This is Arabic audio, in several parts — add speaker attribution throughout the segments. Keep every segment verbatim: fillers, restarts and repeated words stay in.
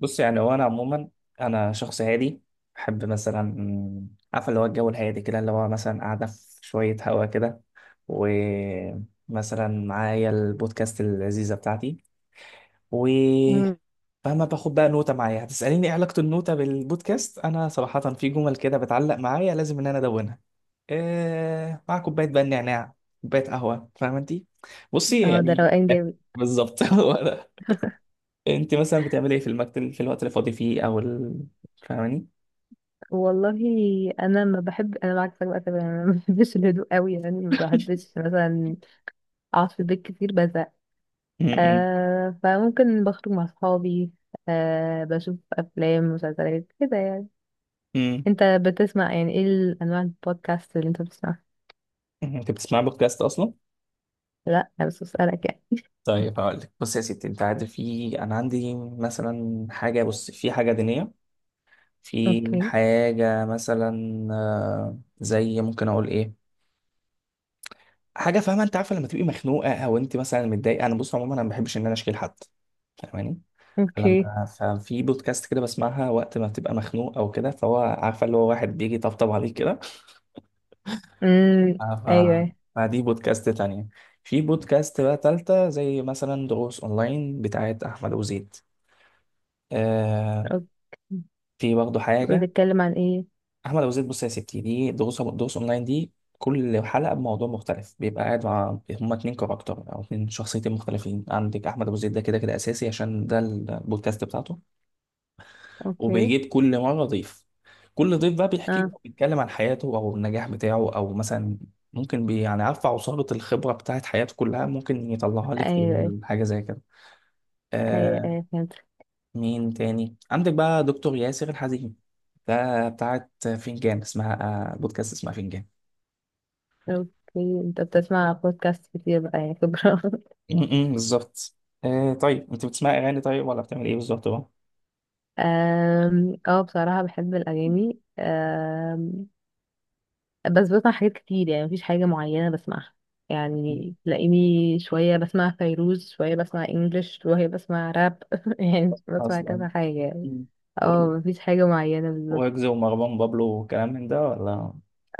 Speaker 1: بص يعني هو انا عموما، انا شخص هادي. بحب مثلا عارف اللي هو الجو الهادي كده، اللي هو مثلا قاعده في شويه هوا كده ومثلا معايا البودكاست اللذيذه بتاعتي. و
Speaker 2: مم.
Speaker 1: فاهمة، باخد بقى نوتة معايا. هتسأليني ايه علاقة النوتة بالبودكاست؟ انا صراحة في جمل كده بتعلق معايا لازم ان انا ادونها. إيه مع كوباية بقى النعناع، كوباية قهوة، فاهمة انتي؟ بصي
Speaker 2: اه ده
Speaker 1: يعني
Speaker 2: روقان جامد.
Speaker 1: بالظبط انت مثلا بتعملي ايه في المكتب في الوقت اللي فاضي فيه او ال... فاهماني؟
Speaker 2: والله انا ما بحب، انا معاك بقى تماما، انا ما بحبش الهدوء قوي، يعني ما بحبش مثلا اقعد في البيت كتير بزهق.
Speaker 1: امم.
Speaker 2: آه فممكن بخرج مع اصحابي، آه بشوف افلام مسلسلات كده يعني.
Speaker 1: امم.
Speaker 2: انت بتسمع يعني ايه الانواع البودكاست اللي انت بتسمعها؟
Speaker 1: انت بتسمع بودكاست اصلا؟
Speaker 2: لا انا بس بسألك يعني
Speaker 1: طيب هقول لك. بص يا ستي، انت عارف في انا عندي مثلا حاجه، بص في حاجه دينيه، في
Speaker 2: اوكي.
Speaker 1: حاجه مثلا آه، زي ممكن اقول ايه، حاجه فاهمه، انت عارفه لما تبقي مخنوقه او انت مثلا متضايقه. انا بص عموما انا ما بحبش ان انا اشكي لحد، فاهماني؟
Speaker 2: اوكي.
Speaker 1: فلما ففي بودكاست كده بسمعها وقت ما بتبقى مخنوق او كده، فهو عارفه اللي هو واحد بيجي يطبطب عليك.
Speaker 2: امم.
Speaker 1: آه،
Speaker 2: ايوه.
Speaker 1: ف... فدي بودكاست تانية. في بودكاست بقى تالتة، زي مثلا دروس أونلاين بتاعت أحمد أبو زيد. آه.
Speaker 2: اوكي.
Speaker 1: في برضه حاجة.
Speaker 2: بتتكلم عن ايه؟
Speaker 1: أحمد أبو زيد، بص يا ستي، دي دروس دروس أونلاين. دي كل حلقة بموضوع مختلف، بيبقى قاعد مع هما اتنين كاركتر أو اتنين شخصيتين مختلفين. عندك أحمد أبو زيد ده كده كده أساسي عشان ده البودكاست بتاعته.
Speaker 2: اوكي.
Speaker 1: وبيجيب كل مرة ضيف، كل ضيف بقى بيحكي له،
Speaker 2: اه.
Speaker 1: بيتكلم عن حياته او النجاح بتاعه، او مثلا ممكن بي يعني عارفة، عصارة الخبرة بتاعت حياته كلها ممكن يطلعها لك
Speaker 2: ايوه
Speaker 1: في حاجة زي كده.
Speaker 2: ايوه.
Speaker 1: آه.
Speaker 2: ايوه فهمت.
Speaker 1: مين تاني عندك بقى؟ دكتور ياسر الحزيمي، ده بتاعت فنجان اسمها. آه، بودكاست اسمها فنجان.
Speaker 2: اوكي، انت بتسمع بودكاست كتير بقى يا كبرى
Speaker 1: م- م، بالظبط. آه، طيب انت بتسمع اغاني طيب ولا بتعمل ايه بالظبط بقى؟
Speaker 2: أم، اه بصراحة بحب الأغاني، أم، بس بسمع حاجات كتير، يعني مفيش حاجة معينة بسمعها.
Speaker 1: مم.
Speaker 2: يعني تلاقيني شوية بسمع فيروز، شوية بسمع انجلش، شوية بسمع راب يعني بسمع
Speaker 1: اصلا
Speaker 2: كذا حاجة يعني.
Speaker 1: م.
Speaker 2: اه مفيش حاجة معينة بالظبط.
Speaker 1: ويجز ومروان بابلو وكلام من ده ولا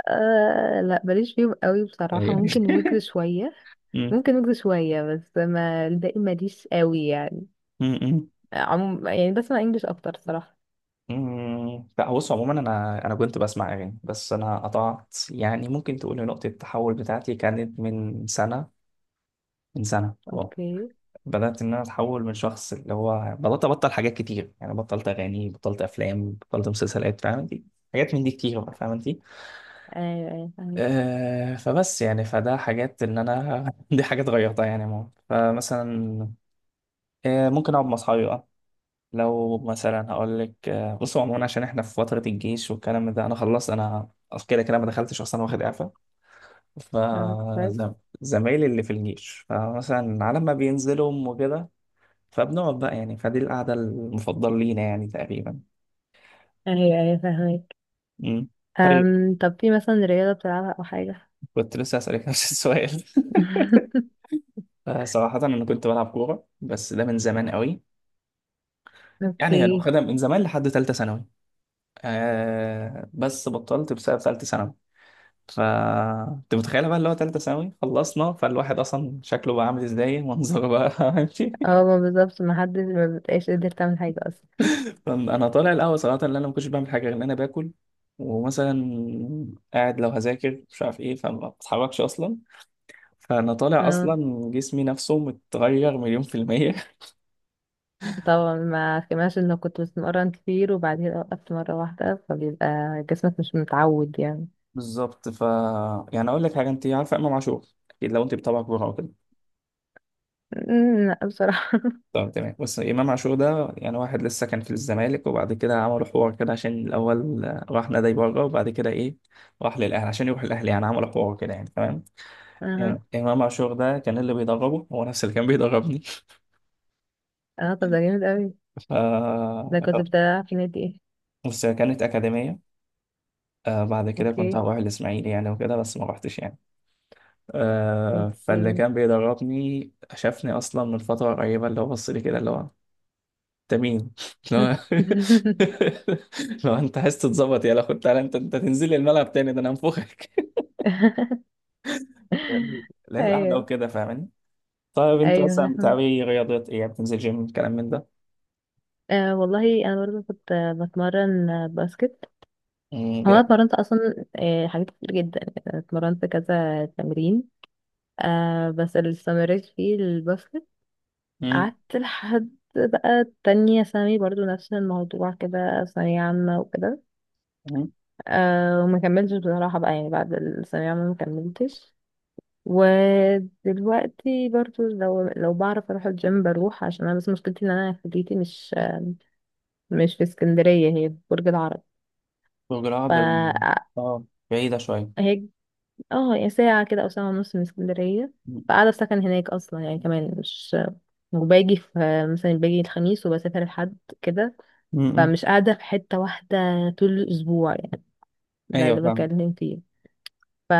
Speaker 2: أه لا ماليش فيهم قوي
Speaker 1: ايه
Speaker 2: بصراحة،
Speaker 1: يعني؟
Speaker 2: ممكن ويجز شوية.
Speaker 1: م-
Speaker 2: ممكن ويجز شوية بس ما الباقي ماليش قوي يعني.
Speaker 1: م- م.
Speaker 2: عموم يعني بسمع انجلش اكتر صراحة.
Speaker 1: مم، لا. بص عموما انا انا كنت بسمع اغاني، بس انا قطعت يعني. ممكن تقول إن نقطه التحول بتاعتي كانت من سنه من سنه اه.
Speaker 2: اوكي.
Speaker 1: بدات ان انا اتحول من شخص اللي هو بدات ابطل حاجات كتير، يعني بطلت اغاني، بطلت افلام، بطلت مسلسلات، فاهم انت؟ حاجات من دي كتير بقى، فاهم انت؟
Speaker 2: ايوه ايوه فاهمك.
Speaker 1: آه، فبس يعني فده حاجات ان انا دي حاجات غيرتها يعني ماما. فمثلا آه ممكن اقعد مع اصحابي. لو مثلا هقول لك، بصوا عموما عشان احنا في فترة الجيش والكلام ده، انا خلصت، انا أصل كده كده ما دخلتش اصلا، واخد اعفاء.
Speaker 2: نعم كويس.
Speaker 1: فزمايلي اللي في الجيش، فمثلا على ما بينزلوا وكده، فبنقعد بقى يعني، فدي القعدة المفضلة لينا يعني تقريبا.
Speaker 2: ايوه ايوه فاهمك.
Speaker 1: مم. طيب،
Speaker 2: أم، طب في مثلا رياضة بتلعبها او حاجة؟
Speaker 1: كنت لسه هسألك نفس السؤال آه، صراحة أنا كنت بلعب كورة، بس ده من زمان قوي. يعني أنا
Speaker 2: اوكي.
Speaker 1: واخدها من زمان لحد تالتة ثانوي. آه بس بطلت بسبب تالتة ثانوي. ف انت متخيله بقى اللي هو تالتة ثانوي خلصنا، فالواحد اصلا شكله بقى عامل ازاي، منظره بقى ماشي؟
Speaker 2: اه ما بالظبط، ما حدش ما بتبقاش قادر تعمل حاجة اصلا.
Speaker 1: انا طالع الاول صراحه ان انا ما كنتش بعمل حاجه غير ان انا باكل. ومثلا قاعد لو هذاكر مش عارف ايه، فما بتحركش اصلا. فانا طالع
Speaker 2: اه
Speaker 1: اصلا جسمي نفسه متغير مليون في الميه
Speaker 2: طبعا، ما كماش انه كنت بتمرن كتير وبعدين وقفت مرة واحدة، فبيبقى جسمك مش متعود يعني.
Speaker 1: بالظبط. ف يعني اقول لك حاجه، انت عارفه امام عاشور؟ اكيد لو انت بتابعك بره وكده.
Speaker 2: أمم، لا بصراحة.
Speaker 1: طب تمام، بص، امام عاشور ده يعني واحد لسه كان في الزمالك، وبعد كده عملوا حوار كده عشان الاول آه، راح نادي بره، وبعد كده ايه، راح للاهلي، عشان يروح الاهلي، يعني عملوا حوار كده يعني، تمام؟
Speaker 2: اه.
Speaker 1: يعني امام عاشور ده كان اللي بيدربه هو نفس اللي كان بيدربني.
Speaker 2: اه طب ده جامد اوي،
Speaker 1: ف
Speaker 2: ده كنت بتلعب في نادي ايه؟
Speaker 1: بص، هي كانت اكاديميه. آه، بعد كده كنت
Speaker 2: اوكي.
Speaker 1: هروح الاسماعيلي يعني وكده، بس ما رحتش يعني. آه، فاللي
Speaker 2: اوكي.
Speaker 1: كان بيدربني شافني اصلا من فتره قريبه، اللي هو بص لي كده اللي هو، انت مين؟ لو لو انت عايز تتظبط يلا خد تعالى، انت انت تنزل لي الملعب تاني ده انا هنفخك. لا، لا، القعده
Speaker 2: ايوه
Speaker 1: وكده، فاهماني؟ طيب انت مثلا
Speaker 2: ايوه.
Speaker 1: بتعملي رياضات ايه؟ يعني بتنزل جيم، الكلام من ده؟
Speaker 2: أه والله انا برضه كنت، آه، بتمرن آه، باسكت.
Speaker 1: امم،
Speaker 2: هو انا
Speaker 1: جامد.
Speaker 2: اتمرنت اصلا آه، حاجات كتير جدا، يعني اتمرنت كذا تمرين. أه بس اللي استمريت فيه الباسكت،
Speaker 1: امم،
Speaker 2: قعدت لحد بقى تانية ثانوي برضه، نفس الموضوع كده، ثانوية عامة وكده.
Speaker 1: امم.
Speaker 2: أه وما كملتش بصراحة بقى، يعني بعد الثانوية عامة ما كملتش. ودلوقتي برضه لو لو بعرف اروح الجيم بروح، عشان انا بس مشكلتي ان انا كليتي مش مش في اسكندرية، هي في برج العرب.
Speaker 1: برج
Speaker 2: ف
Speaker 1: العرب ال- اه، بعيده شويه.
Speaker 2: اه، يعني ساعة كده أو ساعة ونص من اسكندرية.
Speaker 1: امم،
Speaker 2: فقاعدة في سكن هناك أصلا يعني، كمان مش، وباجي في، مثلا باجي الخميس وبسافر الحد كده.
Speaker 1: امم.
Speaker 2: فمش قاعدة في حتة واحدة طول الأسبوع يعني، ده
Speaker 1: ايوه
Speaker 2: اللي
Speaker 1: فاهم.
Speaker 2: بكلم فيه. ف...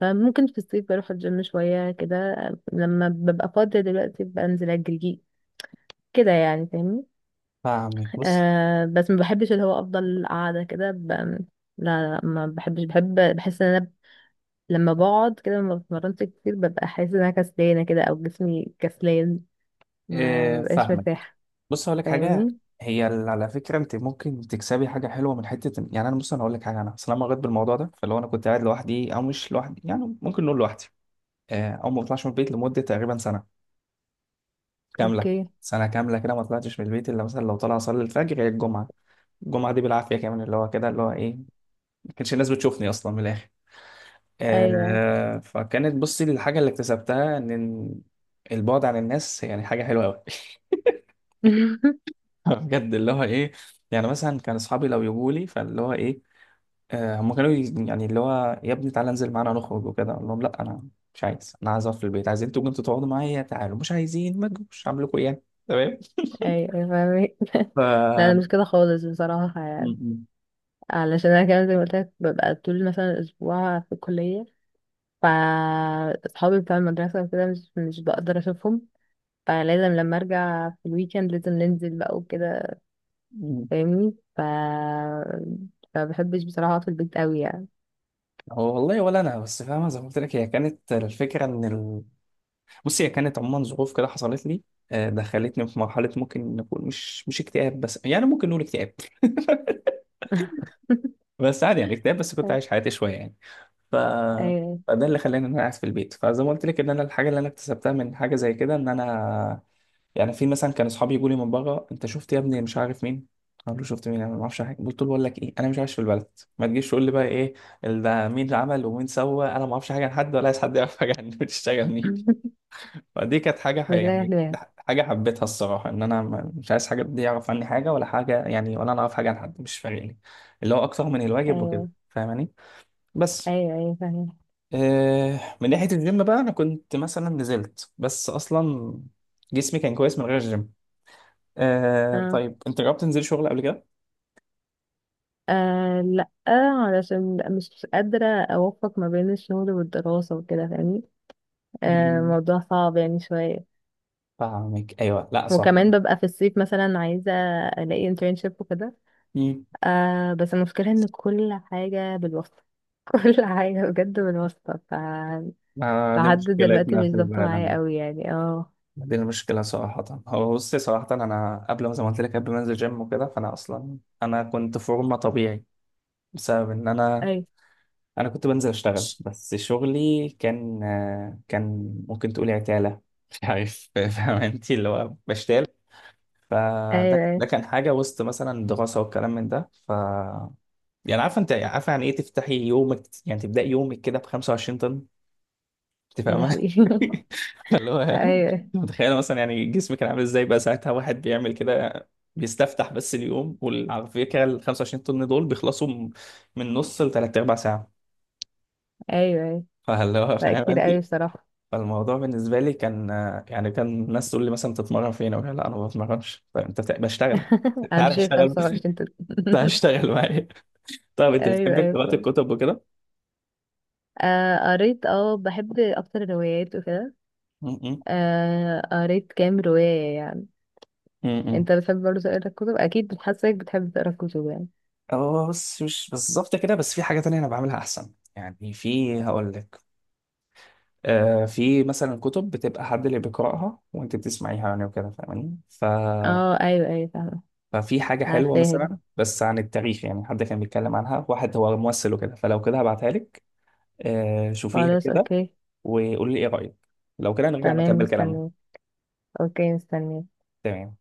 Speaker 2: فممكن في الصيف بروح الجيم شوية كده، لما ببقى فاضية، دلوقتي بنزل أجري كده يعني، فاهمني؟
Speaker 1: فاهمك، بص.
Speaker 2: آه بس ما بحبش اللي هو أفضل قاعدة كده ب... لا لا ما بحبش، بحب، بحس ان انا لما بقعد كده ما بتمرنش كتير، ببقى حاسة ان انا كسلانة كده او جسمي كسلان، ما
Speaker 1: اه،
Speaker 2: ببقاش
Speaker 1: فاهمك.
Speaker 2: مرتاحة.
Speaker 1: بص هقول لك حاجه،
Speaker 2: فاهمني؟
Speaker 1: هي ال- على فكره انت ممكن تكسبي حاجه حلوه من حته إن- يعني انا، بص انا هقول لك حاجه، انا اصل انا مريت بالموضوع ده. فلو انا كنت قاعد لوحدي او مش لوحدي، يعني ممكن نقول لوحدي، آه، او ما بطلعش من البيت لمده تقريبا سنه كامله.
Speaker 2: اوكي.
Speaker 1: سنه كامله كده ما طلعتش من البيت، الا مثلا لو طلع اصلي الفجر، هي الجمعه. الجمعه دي بالعافيه كمان، اللي هو كده اللي هو ايه، ما كانش الناس بتشوفني اصلا، من الاخر.
Speaker 2: ايوه
Speaker 1: آه، فكانت بصي الحاجه اللي اكتسبتها ان البعد عن الناس يعني حاجه حلوه قوي بجد اللي هو ايه، يعني مثلا كان اصحابي لو يجوا لي فاللي هو ايه، آه، هم كانوا ي- يعني اللي هو يا ابني تعالى انزل معانا نخرج وكده، اقول لهم لا، انا مش عايز، انا عايز اقعد في البيت. عايزين تقوموا انتوا تقعدوا معايا، تعالوا، مش عايزين، ما تجوش، اعمل لكم ايه يعني؟ تمام.
Speaker 2: ايوه أيوة، فاهمك
Speaker 1: ف
Speaker 2: لا انا مش
Speaker 1: م-
Speaker 2: كده خالص بصراحة يعني،
Speaker 1: م.
Speaker 2: علشان انا كمان زي ما قلت لك، ببقى طول مثلا اسبوع في الكلية. ف اصحابي بتوع المدرسة وكده مش مش بقدر اشوفهم، فلازم لما ارجع في الويكند لازم ننزل بقى وكده،
Speaker 1: م.
Speaker 2: فاهمني؟ ف فبحبش بصراحة اقعد في البيت قوي يعني.
Speaker 1: هو والله ولا انا، بس فاهمه زي ما قلت لك هي كانت الفكره ان ال... بصي هي كانت عموما ظروف كده حصلت لي، آه، دخلتني في مرحله ممكن نقول مش مش اكتئاب، بس يعني ممكن نقول اكتئاب بس عادي، يعني اكتئاب بس كنت عايش حياتي شويه يعني. ف
Speaker 2: ايوه
Speaker 1: فده اللي خلاني ان انا قاعد في البيت. فزي ما قلت لك ان انا الحاجه اللي انا اكتسبتها من حاجه زي كده ان انا يعني، في مثلا كان اصحابي يقولوا لي من بره، انت شفت يا ابني مش عارف مين، اقول له شفت مين؟ انا ما اعرفش حاجه. قلت له بقول لك ايه، انا مش عايش في البلد، ما تجيش تقول لي بقى ايه ال- ده مين اللي عمل ومين سوى، انا ما اعرفش حاجه عن حد، ولا عايز حد يعرف حاجه عني، بتشتغل مين. فدي كانت حاجه ح-
Speaker 2: بتريح
Speaker 1: يعني
Speaker 2: دماغك.
Speaker 1: حاجه حبيتها الصراحه، ان انا ما- مش عايز حاجه، دي يعرف عني حاجه ولا حاجه يعني، ولا انا اعرف حاجه عن حد مش فارقني، اللي هو اكتر من الواجب وكده،
Speaker 2: ايوه
Speaker 1: فاهماني؟ بس.
Speaker 2: ايوه ايوه فاهمة.
Speaker 1: آه، من ناحيه الجيم بقى، انا كنت مثلا نزلت، بس اصلا جسمي كان كويس من غير الجيم. آه،
Speaker 2: اه.
Speaker 1: طيب انت جربت تنزل شغل قبل كده؟
Speaker 2: آه لا علشان لأ، مش قادرة أوفق ما بين الشغل والدراسة وكده فاهمني، آه
Speaker 1: مم.
Speaker 2: الموضوع صعب يعني شوية.
Speaker 1: فاهمك. ايوه، لا صح.
Speaker 2: وكمان ببقى في الصيف مثلا عايزة ألاقي internship وكده،
Speaker 1: مم.
Speaker 2: آه بس المشكلة إن كل حاجة بالواسطة كل حاجة بجد بالواسطة. ف
Speaker 1: آه دي
Speaker 2: لحد دلوقتي
Speaker 1: مشكلتنا
Speaker 2: مش
Speaker 1: في
Speaker 2: ظابطة معايا
Speaker 1: العالم.
Speaker 2: قوي يعني اه.
Speaker 1: دي المشكلة صراحة. هو بصي صراحة، أنا قبل ما، زي ما قلت لك، قبل ما أنزل جيم وكده، فأنا أصلا أنا كنت فورمة طبيعي، بسبب إن أنا
Speaker 2: أيوة
Speaker 1: أنا كنت بنزل أشتغل، بس شغلي كان آه كان ممكن تقولي عتالة، مش عارف فاهم أنت، اللي هو بشتال. فده
Speaker 2: أيوة. أيوة
Speaker 1: ده كان حاجة وسط مثلا الدراسة والكلام من ده. ف يعني عارفه، انت عارفه يعني ايه تفتحي يومك، يعني تبداي يومك كده ب خمسة وعشرين طن؟ انت
Speaker 2: يا
Speaker 1: فاهمه؟
Speaker 2: لهوي
Speaker 1: اللي هو،
Speaker 2: أيوة أيوة.
Speaker 1: متخيله مثلا يعني جسمك كان عامل ازاي بقى ساعتها واحد بيعمل كده، بيستفتح بس اليوم؟ وعلى فكره ال خمسة وعشرين طن دول بيخلصوا م- من نص لثلاث ارباع ساعه.
Speaker 2: أيوة.
Speaker 1: فاللي هو،
Speaker 2: لا
Speaker 1: فاهم
Speaker 2: كتير
Speaker 1: انت؟
Speaker 2: قوي بصراحة.
Speaker 1: فالموضوع بالنسبه لي كان، يعني كان الناس تقول لي مثلا تتمرن فين؟ اقول لها لا انا ما بتمرنش. فانت بت- بشتغل؟ تعال
Speaker 2: هتجي
Speaker 1: اشتغل،
Speaker 2: خمسة وعشرين تت-
Speaker 1: تعال اشتغل معايا. طب انت
Speaker 2: ايوه
Speaker 1: بتحب
Speaker 2: ايوه
Speaker 1: قراءه
Speaker 2: فاهم.
Speaker 1: الكتب وكده؟
Speaker 2: آه قريت، اه بحب اكتر الروايات وكده،
Speaker 1: م- م-
Speaker 2: آه قريت كام رواية يعني.
Speaker 1: م- م.
Speaker 2: انت بتحب برضه تقرا الكتب؟ اكيد بتحسك بتحب تقرا الكتب يعني.
Speaker 1: هو بص مش بالظبط كده، بس في حاجة تانية أنا بعملها أحسن يعني، في هقول لك. آه، في مثلا كتب بتبقى حد اللي بيقرأها وأنت بتسمعيها يعني وكده، فاهماني؟ ف...
Speaker 2: اه ايوه ايوه فاهمة.
Speaker 1: ففي حاجة حلوة
Speaker 2: عارفاها دي.
Speaker 1: مثلا بس عن التاريخ، يعني حد كان بيتكلم عنها واحد هو ممثل وكده، فلو كده هبعتها لك. آه شوفيها
Speaker 2: خلاص
Speaker 1: كده،
Speaker 2: اوكي.
Speaker 1: وقولي لي إيه رأيك. لو كده نرجع
Speaker 2: تمام
Speaker 1: نكمل كلامنا.
Speaker 2: مستنيه. اوكي مستنيه.
Speaker 1: تمام.